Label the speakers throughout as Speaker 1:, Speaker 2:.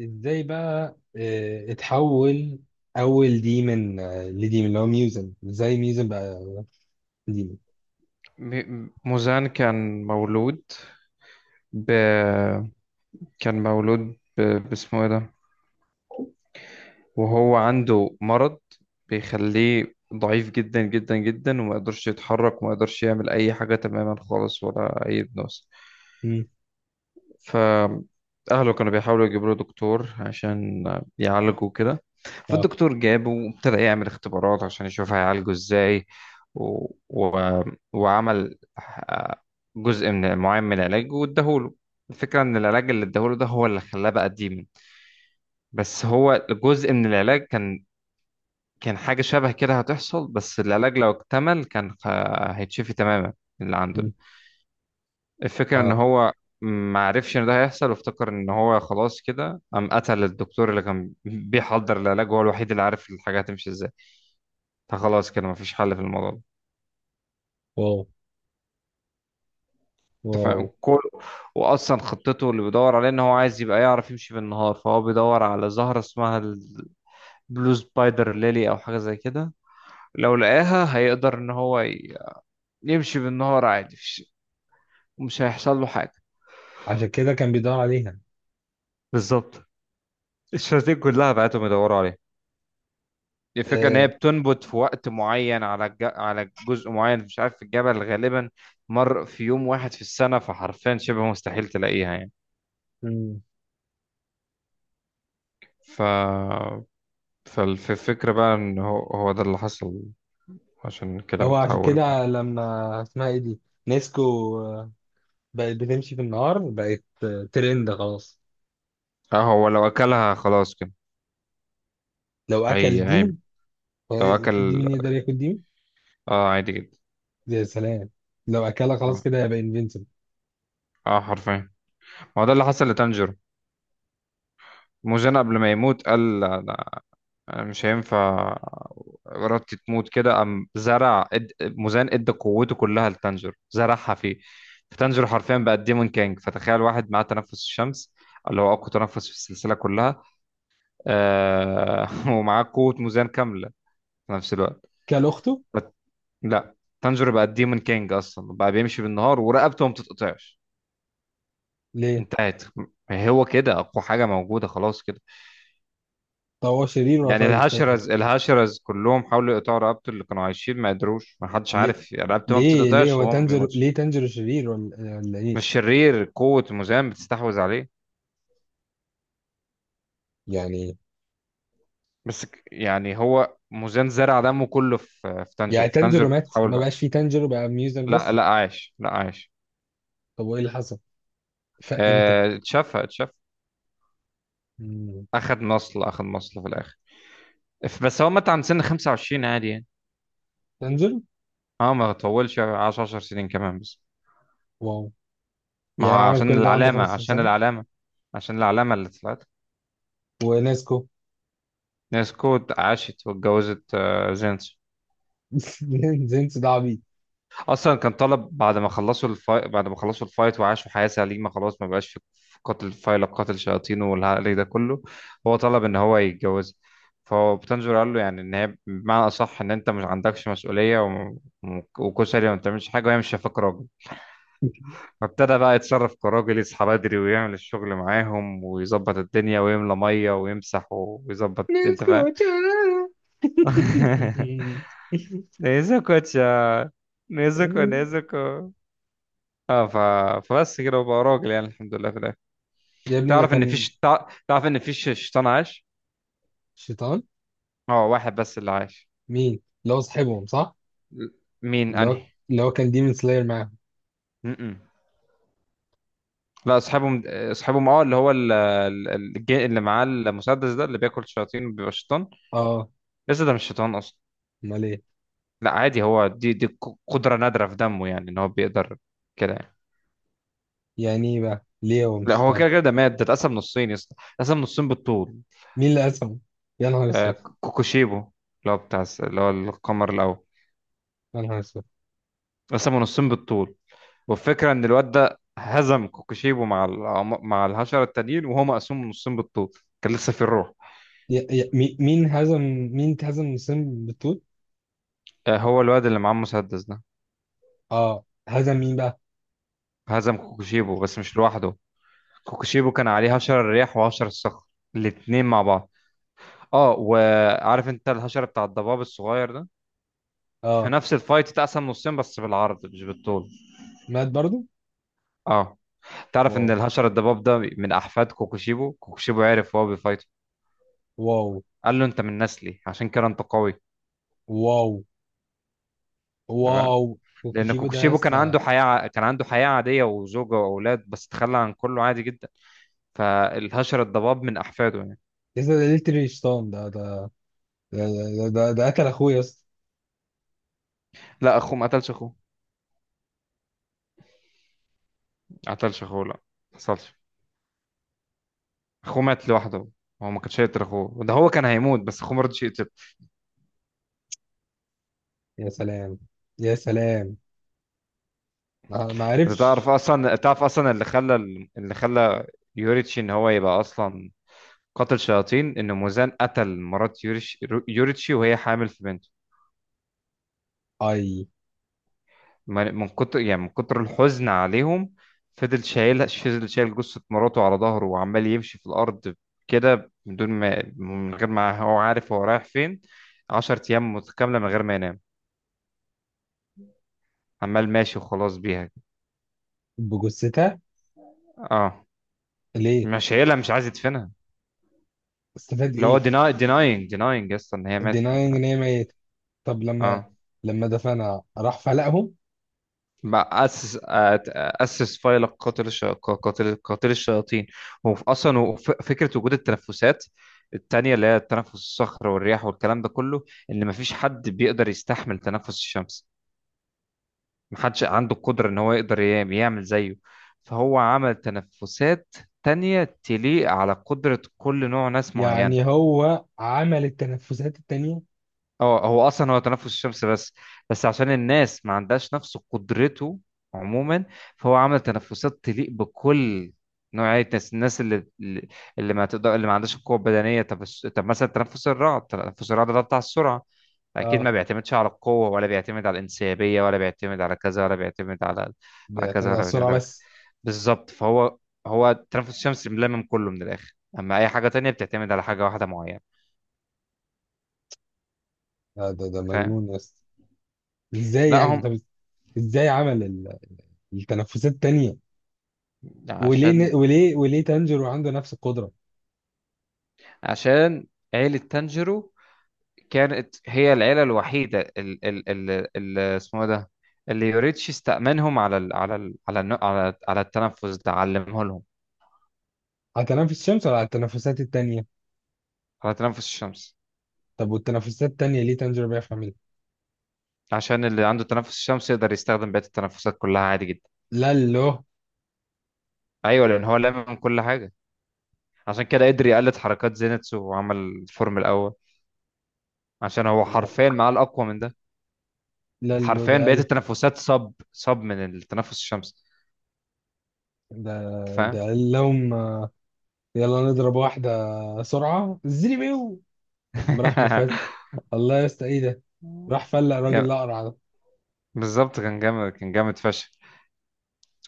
Speaker 1: ازاي بقى اتحول اول ديمن، لديمن اللي هو ميوزن. ازاي ميوزن بقى ديمن؟
Speaker 2: موزان كان مولود ب... كان مولود باسمه ايه ده، وهو عنده مرض بيخليه ضعيف جدا جدا جدا، وما يقدرش يتحرك وما يقدرش يعمل اي حاجة تماما خالص ولا اي بنوس.
Speaker 1: مم.
Speaker 2: فأهله كانوا بيحاولوا يجيبوا له دكتور عشان يعالجه كده.
Speaker 1: اه.
Speaker 2: فالدكتور جابه وابتدى يعمل اختبارات عشان يشوف هيعالجه ازاي. و... و... وعمل، جزء من معين من العلاج واداهوله. الفكرة ان العلاج اللي اداهوله ده هو اللي خلاه بقى ديمن. بس هو جزء من العلاج كان حاجة شبه كده هتحصل، بس العلاج لو اكتمل كان هيتشفي تماما اللي عنده ده.
Speaker 1: مم.
Speaker 2: الفكرة ان
Speaker 1: اه.
Speaker 2: هو ما عرفش ان ده هيحصل، وافتكر ان هو خلاص كده، قام قتل الدكتور اللي كان بيحضر العلاج. هو الوحيد اللي عارف الحاجة هتمشي ازاي. فخلاص كده مفيش حل في الموضوع ده.
Speaker 1: واو.
Speaker 2: انت
Speaker 1: واو.
Speaker 2: فاهم كل. واصلا خطته اللي بيدور عليه ان هو عايز يبقى يعرف يمشي بالنهار. فهو بيدور على زهرة اسمها البلو سبايدر ليلي او حاجة زي كده. لو لقاها هيقدر ان هو يمشي بالنهار عادي، مش هيحصل له حاجة.
Speaker 1: عشان كده كان بيدور عليها.
Speaker 2: بالظبط. الشياطين كلها بعتهم يدوروا عليها. الفكرة إن هي
Speaker 1: آه.
Speaker 2: بتنبت في وقت معين على على جزء معين، مش عارف في الجبل غالبا. مر في يوم واحد في السنة، فحرفيا شبه مستحيل تلاقيها يعني.
Speaker 1: مم.
Speaker 2: ف فالفكرة بقى إن هو، هو ده اللي حصل. عشان كده
Speaker 1: هو عشان
Speaker 2: بتحول بقى.
Speaker 1: كده لما اسمها ايه دي، نيسكو، آه، بقت بتمشي في النهار، بقت ترند خلاص.
Speaker 2: اه، هو لو أكلها خلاص كده.
Speaker 1: لو
Speaker 2: هي
Speaker 1: اكل
Speaker 2: هي
Speaker 1: ديمن هو؟
Speaker 2: لو
Speaker 1: في
Speaker 2: أكل.
Speaker 1: ديمن يقدر ياكل ديمن؟
Speaker 2: اه عادي جدا.
Speaker 1: يا سلام. لو اكلها خلاص
Speaker 2: اه،
Speaker 1: كده هيبقى انفينسيبل
Speaker 2: حرفيا. ما هو ده اللي حصل لتانجيرو. موزان قبل ما يموت قال لا، أنا مش هينفع ارادتي تموت كده، قام زرع، مزان ادى قوته كلها لتانجر، زرعها فيه. فتانجر حرفيا بقى ديمون كانج. فتخيل واحد معاه تنفس الشمس، اللي هو اقوى تنفس في السلسله كلها. ومعاه قوه مزان كامله في نفس الوقت.
Speaker 1: كل اخته.
Speaker 2: فت... لا، تانجر بقى ديمون كانج اصلا، بقى بيمشي بالنهار ورقبته ما بتتقطعش.
Speaker 1: ليه؟
Speaker 2: انتهت. هو كده اقوى حاجه موجوده خلاص كده.
Speaker 1: طب هو شرير ولا
Speaker 2: يعني
Speaker 1: طيب تنجر؟
Speaker 2: الهاشرز كلهم حاولوا يقطعوا رقبته اللي كانوا عايشين، ما قدروش. ما حدش
Speaker 1: ليه؟
Speaker 2: عارف يعني رقبته ما
Speaker 1: ليه
Speaker 2: بتتقطعش
Speaker 1: هو
Speaker 2: وهو ما
Speaker 1: تانجيرو؟
Speaker 2: بيموتش.
Speaker 1: ليه تانجيرو شرير ولا ايه
Speaker 2: مش شرير، قوة مuzan بتستحوذ عليه.
Speaker 1: يعني؟
Speaker 2: بس يعني هو مuzan زرع دمه كله في، في
Speaker 1: يعني
Speaker 2: تانجر في تانجر
Speaker 1: تانجيرو مات؟
Speaker 2: بتحاول
Speaker 1: ما
Speaker 2: بقى.
Speaker 1: بقاش فيه تانجيرو، بقى ميوزن
Speaker 2: لا،
Speaker 1: بس؟
Speaker 2: لا عايش، لا عايش.
Speaker 1: طب وايه اللي حصل؟ فاق امتى؟
Speaker 2: اتشفى.
Speaker 1: مم.
Speaker 2: اخد مصل في الاخر. بس هو مات عند سن 25 عادي يعني.
Speaker 1: تانجيرو؟
Speaker 2: اه، ما طولش، عاش 10 سنين كمان بس.
Speaker 1: واو.
Speaker 2: ما
Speaker 1: يعني هو
Speaker 2: هو
Speaker 1: عمل
Speaker 2: عشان
Speaker 1: كل ده وعنده
Speaker 2: العلامة،
Speaker 1: 15
Speaker 2: عشان
Speaker 1: سنة؟
Speaker 2: العلامة عشان العلامة اللي طلعت.
Speaker 1: وناسكو؟
Speaker 2: ناسكو عاشت واتجوزت جينز.
Speaker 1: زينس ده عبيط.
Speaker 2: اصلا كان طلب بعد ما خلصوا الفايت، وعاشوا حياة سليمة، خلاص ما بقاش في قتل فايلة، قتل شياطين والهري ده كله. هو طلب ان هو يتجوز. فهو بتنجر قال له يعني ان هي بمعنى اصح ان انت مش عندكش مسؤولية، وكشري ما بتعملش حاجة، وهي مش شايفاك راجل. فابتدى بقى يتصرف كراجل، يصحى بدري ويعمل الشغل معاهم، ويظبط الدنيا ويملى مية ويمسح ويظبط، انت
Speaker 1: ناسكو
Speaker 2: فاهم.
Speaker 1: تشارارا.
Speaker 2: ده نيزوكو، نيزوكو. اه فبس كده، وبقى راجل يعني، الحمد لله في الاخر.
Speaker 1: يا ابني ده
Speaker 2: تعرف ان
Speaker 1: كان
Speaker 2: فيش، تعرف ان فيش شيطان عاش.
Speaker 1: شيطان.
Speaker 2: اه، واحد بس اللي عاش.
Speaker 1: مين اللي هو صاحبهم صح؟
Speaker 2: ل- مين
Speaker 1: اللي هو،
Speaker 2: انهي؟
Speaker 1: اللي هو كان ديمون سلاير معاهم.
Speaker 2: م-م. لا، اصحابهم، اصحابهم، اه اللي هو اللي معاه المسدس ده، اللي بياكل شياطين وبيبقى شيطان.
Speaker 1: اه.
Speaker 2: لسه ده مش شيطان اصلا.
Speaker 1: امال ايه؟
Speaker 2: لا عادي، هو دي قدرة نادرة في دمه، يعني ان هو بيقدر كده يعني.
Speaker 1: يعني ايه بقى، ليه هو مش
Speaker 2: لا، هو
Speaker 1: شيطان؟
Speaker 2: كده كده، ده مات، ده اتقسم نصين يا اسطى. اتقسم نصين بالطول.
Speaker 1: مين اللي هزمه؟ يا نهار اسود.
Speaker 2: كوكوشيبو، اللي هو بتاع اللي هو القمر الاول.
Speaker 1: يا نهار اسود.
Speaker 2: قسموا نصين بالطول. والفكره ان الواد ده هزم كوكوشيبو مع مع الحشره التانيين، وهو مقسوم نصين بالطول، كان لسه في الروح.
Speaker 1: مين هزم؟ مين هزم وسام بالطول؟
Speaker 2: هو الواد اللي معاه المسدس ده.
Speaker 1: اه، هزم مين بقى؟
Speaker 2: هزم كوكوشيبو بس مش لوحده. كوكوشيبو كان عليه هشر الرياح وهشر الصخر، الاتنين مع بعض. اه، وعارف انت الهشر بتاع الضباب الصغير ده؟ في
Speaker 1: اه.
Speaker 2: نفس الفايت اتقسم نصين بس بالعرض مش بالطول.
Speaker 1: مات برضو؟
Speaker 2: اه. تعرف ان
Speaker 1: واو.
Speaker 2: الهشر الضباب ده من احفاد كوكوشيبو؟ كوكوشيبو عرف وهو بيفايته،
Speaker 1: واو.
Speaker 2: قال له انت من نسلي، عشان كده انت قوي.
Speaker 1: واو.
Speaker 2: أنت فاهم.
Speaker 1: واو
Speaker 2: لان
Speaker 1: وكوتشيجو ده يا
Speaker 2: كوكوشيبو كان
Speaker 1: اسطى.
Speaker 2: عنده حياه، كان عنده حياه عاديه وزوجه واولاد، بس تخلى عن كله عادي جدا. فالهشر الضباب من احفاده يعني.
Speaker 1: يا اسطى ده ليتري شيطان. ده ده ده قتل اخويا يا اسطى.
Speaker 2: لا، اخوه ما قتلش اخوه، ما قتلش اخوه، لا، ما حصلش. اخوه مات لوحده. هو ما كانش يقتل اخوه، ده هو كان هيموت بس اخوه ما رضيش يقتل.
Speaker 1: يا سلام. يا سلام. ما
Speaker 2: انت تعرف
Speaker 1: عرفش.
Speaker 2: اصلا، تعرف اصلا اللي خلى، اللي خلى يوريتشي ان هو يبقى اصلا قاتل شياطين؟ ان موزان قتل مرات يوريتشي وهي حامل في بنته.
Speaker 1: اي.
Speaker 2: من كتر يعني من كتر الحزن عليهم، فضل شايل جثة مراته على ظهره، وعمال يمشي في الأرض كده من دون ما، من غير ما هو عارف هو رايح فين، عشر أيام متكاملة من غير ما ينام، عمال ماشي وخلاص بيها.
Speaker 1: بجثتها؟
Speaker 2: اه،
Speaker 1: ليه؟
Speaker 2: مش شايلها، مش عايز يدفنها.
Speaker 1: استفاد
Speaker 2: اللي هو
Speaker 1: ايه؟
Speaker 2: denying يا اسطى ان هي ماتت، انت
Speaker 1: denying.
Speaker 2: فاهم؟
Speaker 1: ان هي ميتة. طب لما،
Speaker 2: اه،
Speaker 1: لما دفنها راح فلقهم؟
Speaker 2: ما اسس، اسس فيلق قاتل الشياطين. هو اصلا هو فكره وجود التنفسات التانية، اللي هي تنفس الصخر والرياح والكلام ده كله، ان مفيش حد بيقدر يستحمل تنفس الشمس. محدش عنده القدره ان هو يقدر يعمل زيه. فهو عمل تنفسات تانية تليق على قدره كل نوع ناس معينه.
Speaker 1: يعني هو عمل التنفسات التانية؟
Speaker 2: اه، هو اصلا هو تنفس الشمس بس، بس عشان الناس ما عندهاش نفس قدرته عموما، فهو عمل تنفسات تليق بكل نوعية الناس، الناس اللي ما تقدر، اللي ما عندهاش القوة البدنية. طب طب مثلا تنفس الرعد، تنفس الرعد ده بتاع السرعة، أكيد
Speaker 1: اه.
Speaker 2: ما بيعتمدش على القوة ولا بيعتمد على الانسيابية ولا بيعتمد على كذا ولا بيعتمد على، على
Speaker 1: بيعتمد
Speaker 2: كذا
Speaker 1: على
Speaker 2: ولا بيعتمد
Speaker 1: السرعة
Speaker 2: على كذا.
Speaker 1: بس.
Speaker 2: بالظبط. فهو، هو التنفس الشمس ملمم كله من الآخر، أما أي حاجة تانية بتعتمد على حاجة واحدة معينة.
Speaker 1: آه، ده
Speaker 2: فاهم.
Speaker 1: مجنون يا اسطى. ازاي
Speaker 2: لا
Speaker 1: يعني؟
Speaker 2: هم،
Speaker 1: طب ازاي عمل التنفسات التانية؟
Speaker 2: عشان
Speaker 1: وليه تانجيرو عنده نفس القدرة؟
Speaker 2: عشان عيلة تانجيرو كانت هي العيلة الوحيدة، ال اسمه ده، اللي يوريتشي استأمنهم على ال على ال على على على التنفس ده، علمه لهم.
Speaker 1: على تنفس الشمس ولا على التنفسات التانية؟
Speaker 2: على تنفس الشمس.
Speaker 1: طب والتنفسات التانية ليه تانجيرو بيعرف يعملها؟
Speaker 2: عشان اللي عنده تنفس الشمس يقدر يستخدم بقية التنفسات كلها عادي جدا.
Speaker 1: لا له.
Speaker 2: ايوه، لان هو لامم كل حاجة، عشان كده قدر يقلد حركات زينتسو وعمل الفورم الاول، عشان هو حرفيا معاه الاقوى من ده.
Speaker 1: لا له ده
Speaker 2: حرفيا
Speaker 1: قال.
Speaker 2: بقية التنفسات صب من التنفس الشمس،
Speaker 1: ده
Speaker 2: انت
Speaker 1: ده
Speaker 2: فاهم.
Speaker 1: قال لهم يلا نضرب واحدة سرعة زري بيو، قام راح مفات. الله يا اسطى ايه ده، راح فلق راجل اقرع.
Speaker 2: بالظبط، كان جامد، كان جامد فشخ.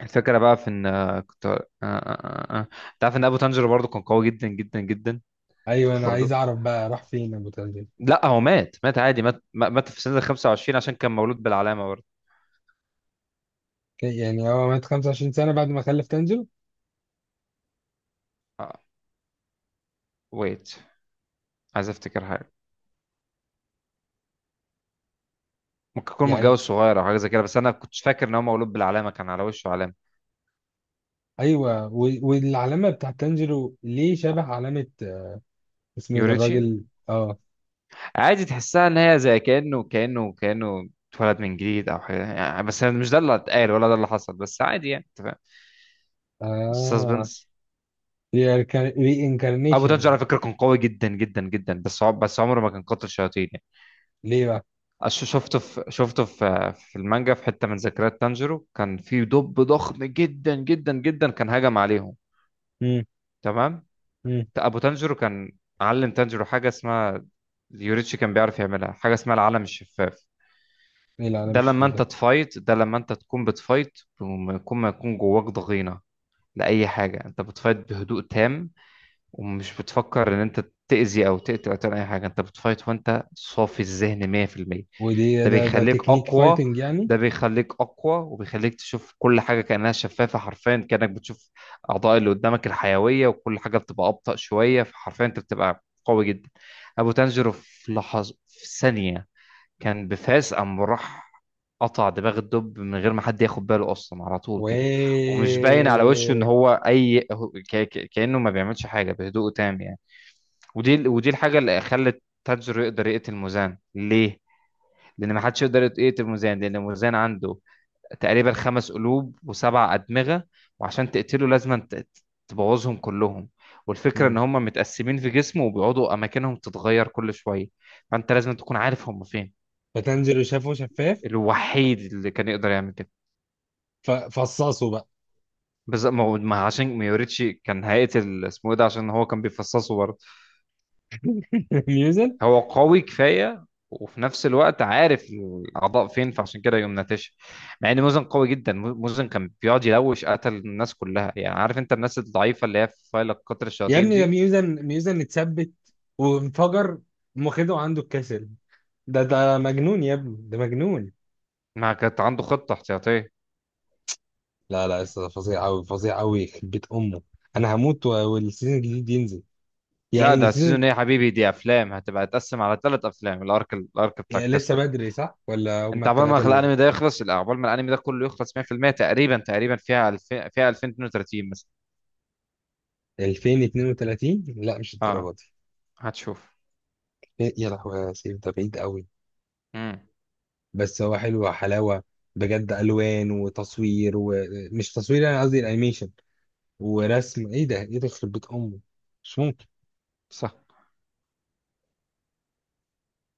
Speaker 2: الفكرة بقى في ان، كنت انت عارف ان ابو تانجيرو برضه كان قوي جدا جدا جدا؟
Speaker 1: ايوه، انا
Speaker 2: برضه
Speaker 1: عايز اعرف بقى راح فين ابو تنزل.
Speaker 2: لا، هو مات، مات عادي مات مات في سنة 25 عشان كان مولود بالعلامة برضه.
Speaker 1: يعني هو مات 25 سنه بعد ما خلف تنزله
Speaker 2: ويت، عايز افتكر حاجة. ممكن يكون
Speaker 1: يعني؟
Speaker 2: متجوز صغير او حاجة زي كده، بس انا كنت فاكر ان هو مولود بالعلامة، كان على وشه علامة.
Speaker 1: ايوه. والعلامه بتاعت تنزله ليه شبه علامه آه، اسمه ايه ده
Speaker 2: يوريتشي.
Speaker 1: الراجل؟ اه.
Speaker 2: عادي تحسها ان هي زي كأنه اتولد من جديد او حاجة يعني، بس مش ده اللي اتقال ولا ده اللي حصل، بس عادي يعني انت فاهم.
Speaker 1: اه.
Speaker 2: سسبنس.
Speaker 1: ري
Speaker 2: ابو
Speaker 1: انكارنيشن
Speaker 2: تنج
Speaker 1: يعني.
Speaker 2: على فكره كان قوي جدا جدا جدا، بس بس عمره ما كان قاتل شياطين يعني.
Speaker 1: ليه بقى؟
Speaker 2: شفته في في المانجا، في حته من ذكريات تانجيرو، كان في دب ضخم جدا جدا جدا كان هجم عليهم.
Speaker 1: امم.
Speaker 2: تمام.
Speaker 1: امم.
Speaker 2: ابو تانجيرو كان علم تانجيرو حاجه اسمها، يوريتشي كان بيعرف يعملها، حاجه اسمها العالم الشفاف.
Speaker 1: ايه؟ لا انا
Speaker 2: ده
Speaker 1: مش
Speaker 2: لما
Speaker 1: فاهم
Speaker 2: انت
Speaker 1: ده.
Speaker 2: تفايت، ده لما انت تكون بتفايت بما يكون، ما يكون جواك ضغينه لاي حاجه، انت بتفايت بهدوء تام ومش بتفكر ان انت تأذي او تقتل او تعمل اي حاجه. انت بتفايت وانت صافي الذهن 100%.
Speaker 1: ودي
Speaker 2: ده
Speaker 1: ده
Speaker 2: بيخليك
Speaker 1: تكنيك
Speaker 2: اقوى،
Speaker 1: فايتنج يعني؟
Speaker 2: ده بيخليك اقوى وبيخليك تشوف كل حاجه كانها شفافه، حرفيا كانك بتشوف اعضاء اللي قدامك الحيويه، وكل حاجه بتبقى ابطأ شويه، فحرفيا انت بتبقى قوي جدا. ابو تنجرو في لحظه، في ثانيه، كان بفاس قام راح قطع دماغ الدب من غير ما حد ياخد باله اصلا، على
Speaker 1: و
Speaker 2: طول كده. ومش باين على وشه ان هو اي كانه ما بيعملش حاجه، بهدوء تام يعني. ودي الحاجه اللي خلت تاجر يقدر يقتل موزان. ليه؟ لان ما حدش يقدر يقتل موزان، لان موزان عنده تقريبا خمس قلوب وسبع ادمغه. وعشان تقتله لازم تبوظهم كلهم. والفكره
Speaker 1: امم.
Speaker 2: ان هم متقسمين في جسمه، وبيقعدوا اماكنهم تتغير كل شويه. فانت لازم تكون عارف هم فين.
Speaker 1: فتنزله شافه شفاف
Speaker 2: الوحيد اللي كان يقدر يعمل كده.
Speaker 1: ففصصه بقى؟
Speaker 2: بس ما عشان ميوريتشي كان هيقتل اسمه ايه ده، عشان هو كان بيفصصه برضه.
Speaker 1: ميوزك.
Speaker 2: هو قوي كفايه، وفي نفس الوقت عارف الاعضاء فين، فعشان كده يقوم ناتش. مع ان موزن قوي جدا، موزن كان بيقعد يلوش قتل الناس كلها يعني، عارف انت الناس الضعيفه اللي هي في فايل قطر
Speaker 1: يا
Speaker 2: الشياطين
Speaker 1: ابني ده
Speaker 2: دي.
Speaker 1: ميوزن، ميوزن اتثبت وانفجر قام واخده عنده الكسل. ده مجنون يا ابني، ده مجنون.
Speaker 2: ما كانت عنده خطه احتياطيه.
Speaker 1: لا لسه فظيع قوي، فظيع قوي يخرب بيت امه. انا هموت والسيزون الجديد ينزل.
Speaker 2: لا،
Speaker 1: يعني
Speaker 2: ده
Speaker 1: السيزون؟
Speaker 2: السيزون ايه يا حبيبي؟ دي افلام هتبقى تقسم على ثلاث افلام، الارك، الارك بتاع
Speaker 1: يعني لسه
Speaker 2: الكاست.
Speaker 1: بدري صح ولا هم
Speaker 2: انت عقبال
Speaker 1: الثلاثه
Speaker 2: ما
Speaker 1: اللي
Speaker 2: الانمي ده يخلص، لا، عقبال ما الانمي ده كله يخلص 100%. تقريبا، تقريبا فيها 2000، فيها 2032 مثلا.
Speaker 1: جايين 2032؟ لا مش
Speaker 2: اه،
Speaker 1: الدرجه دي.
Speaker 2: هتشوف.
Speaker 1: إيه، يا لهوي يا سيف ده بعيد قوي.
Speaker 2: امم.
Speaker 1: بس هو حلو حلاوه بجد، الوان وتصوير، ومش تصوير، انا قصدي الانيميشن ورسم، ايه ده، ايه ده يخرب بيت امه، مش ممكن.
Speaker 2: صح.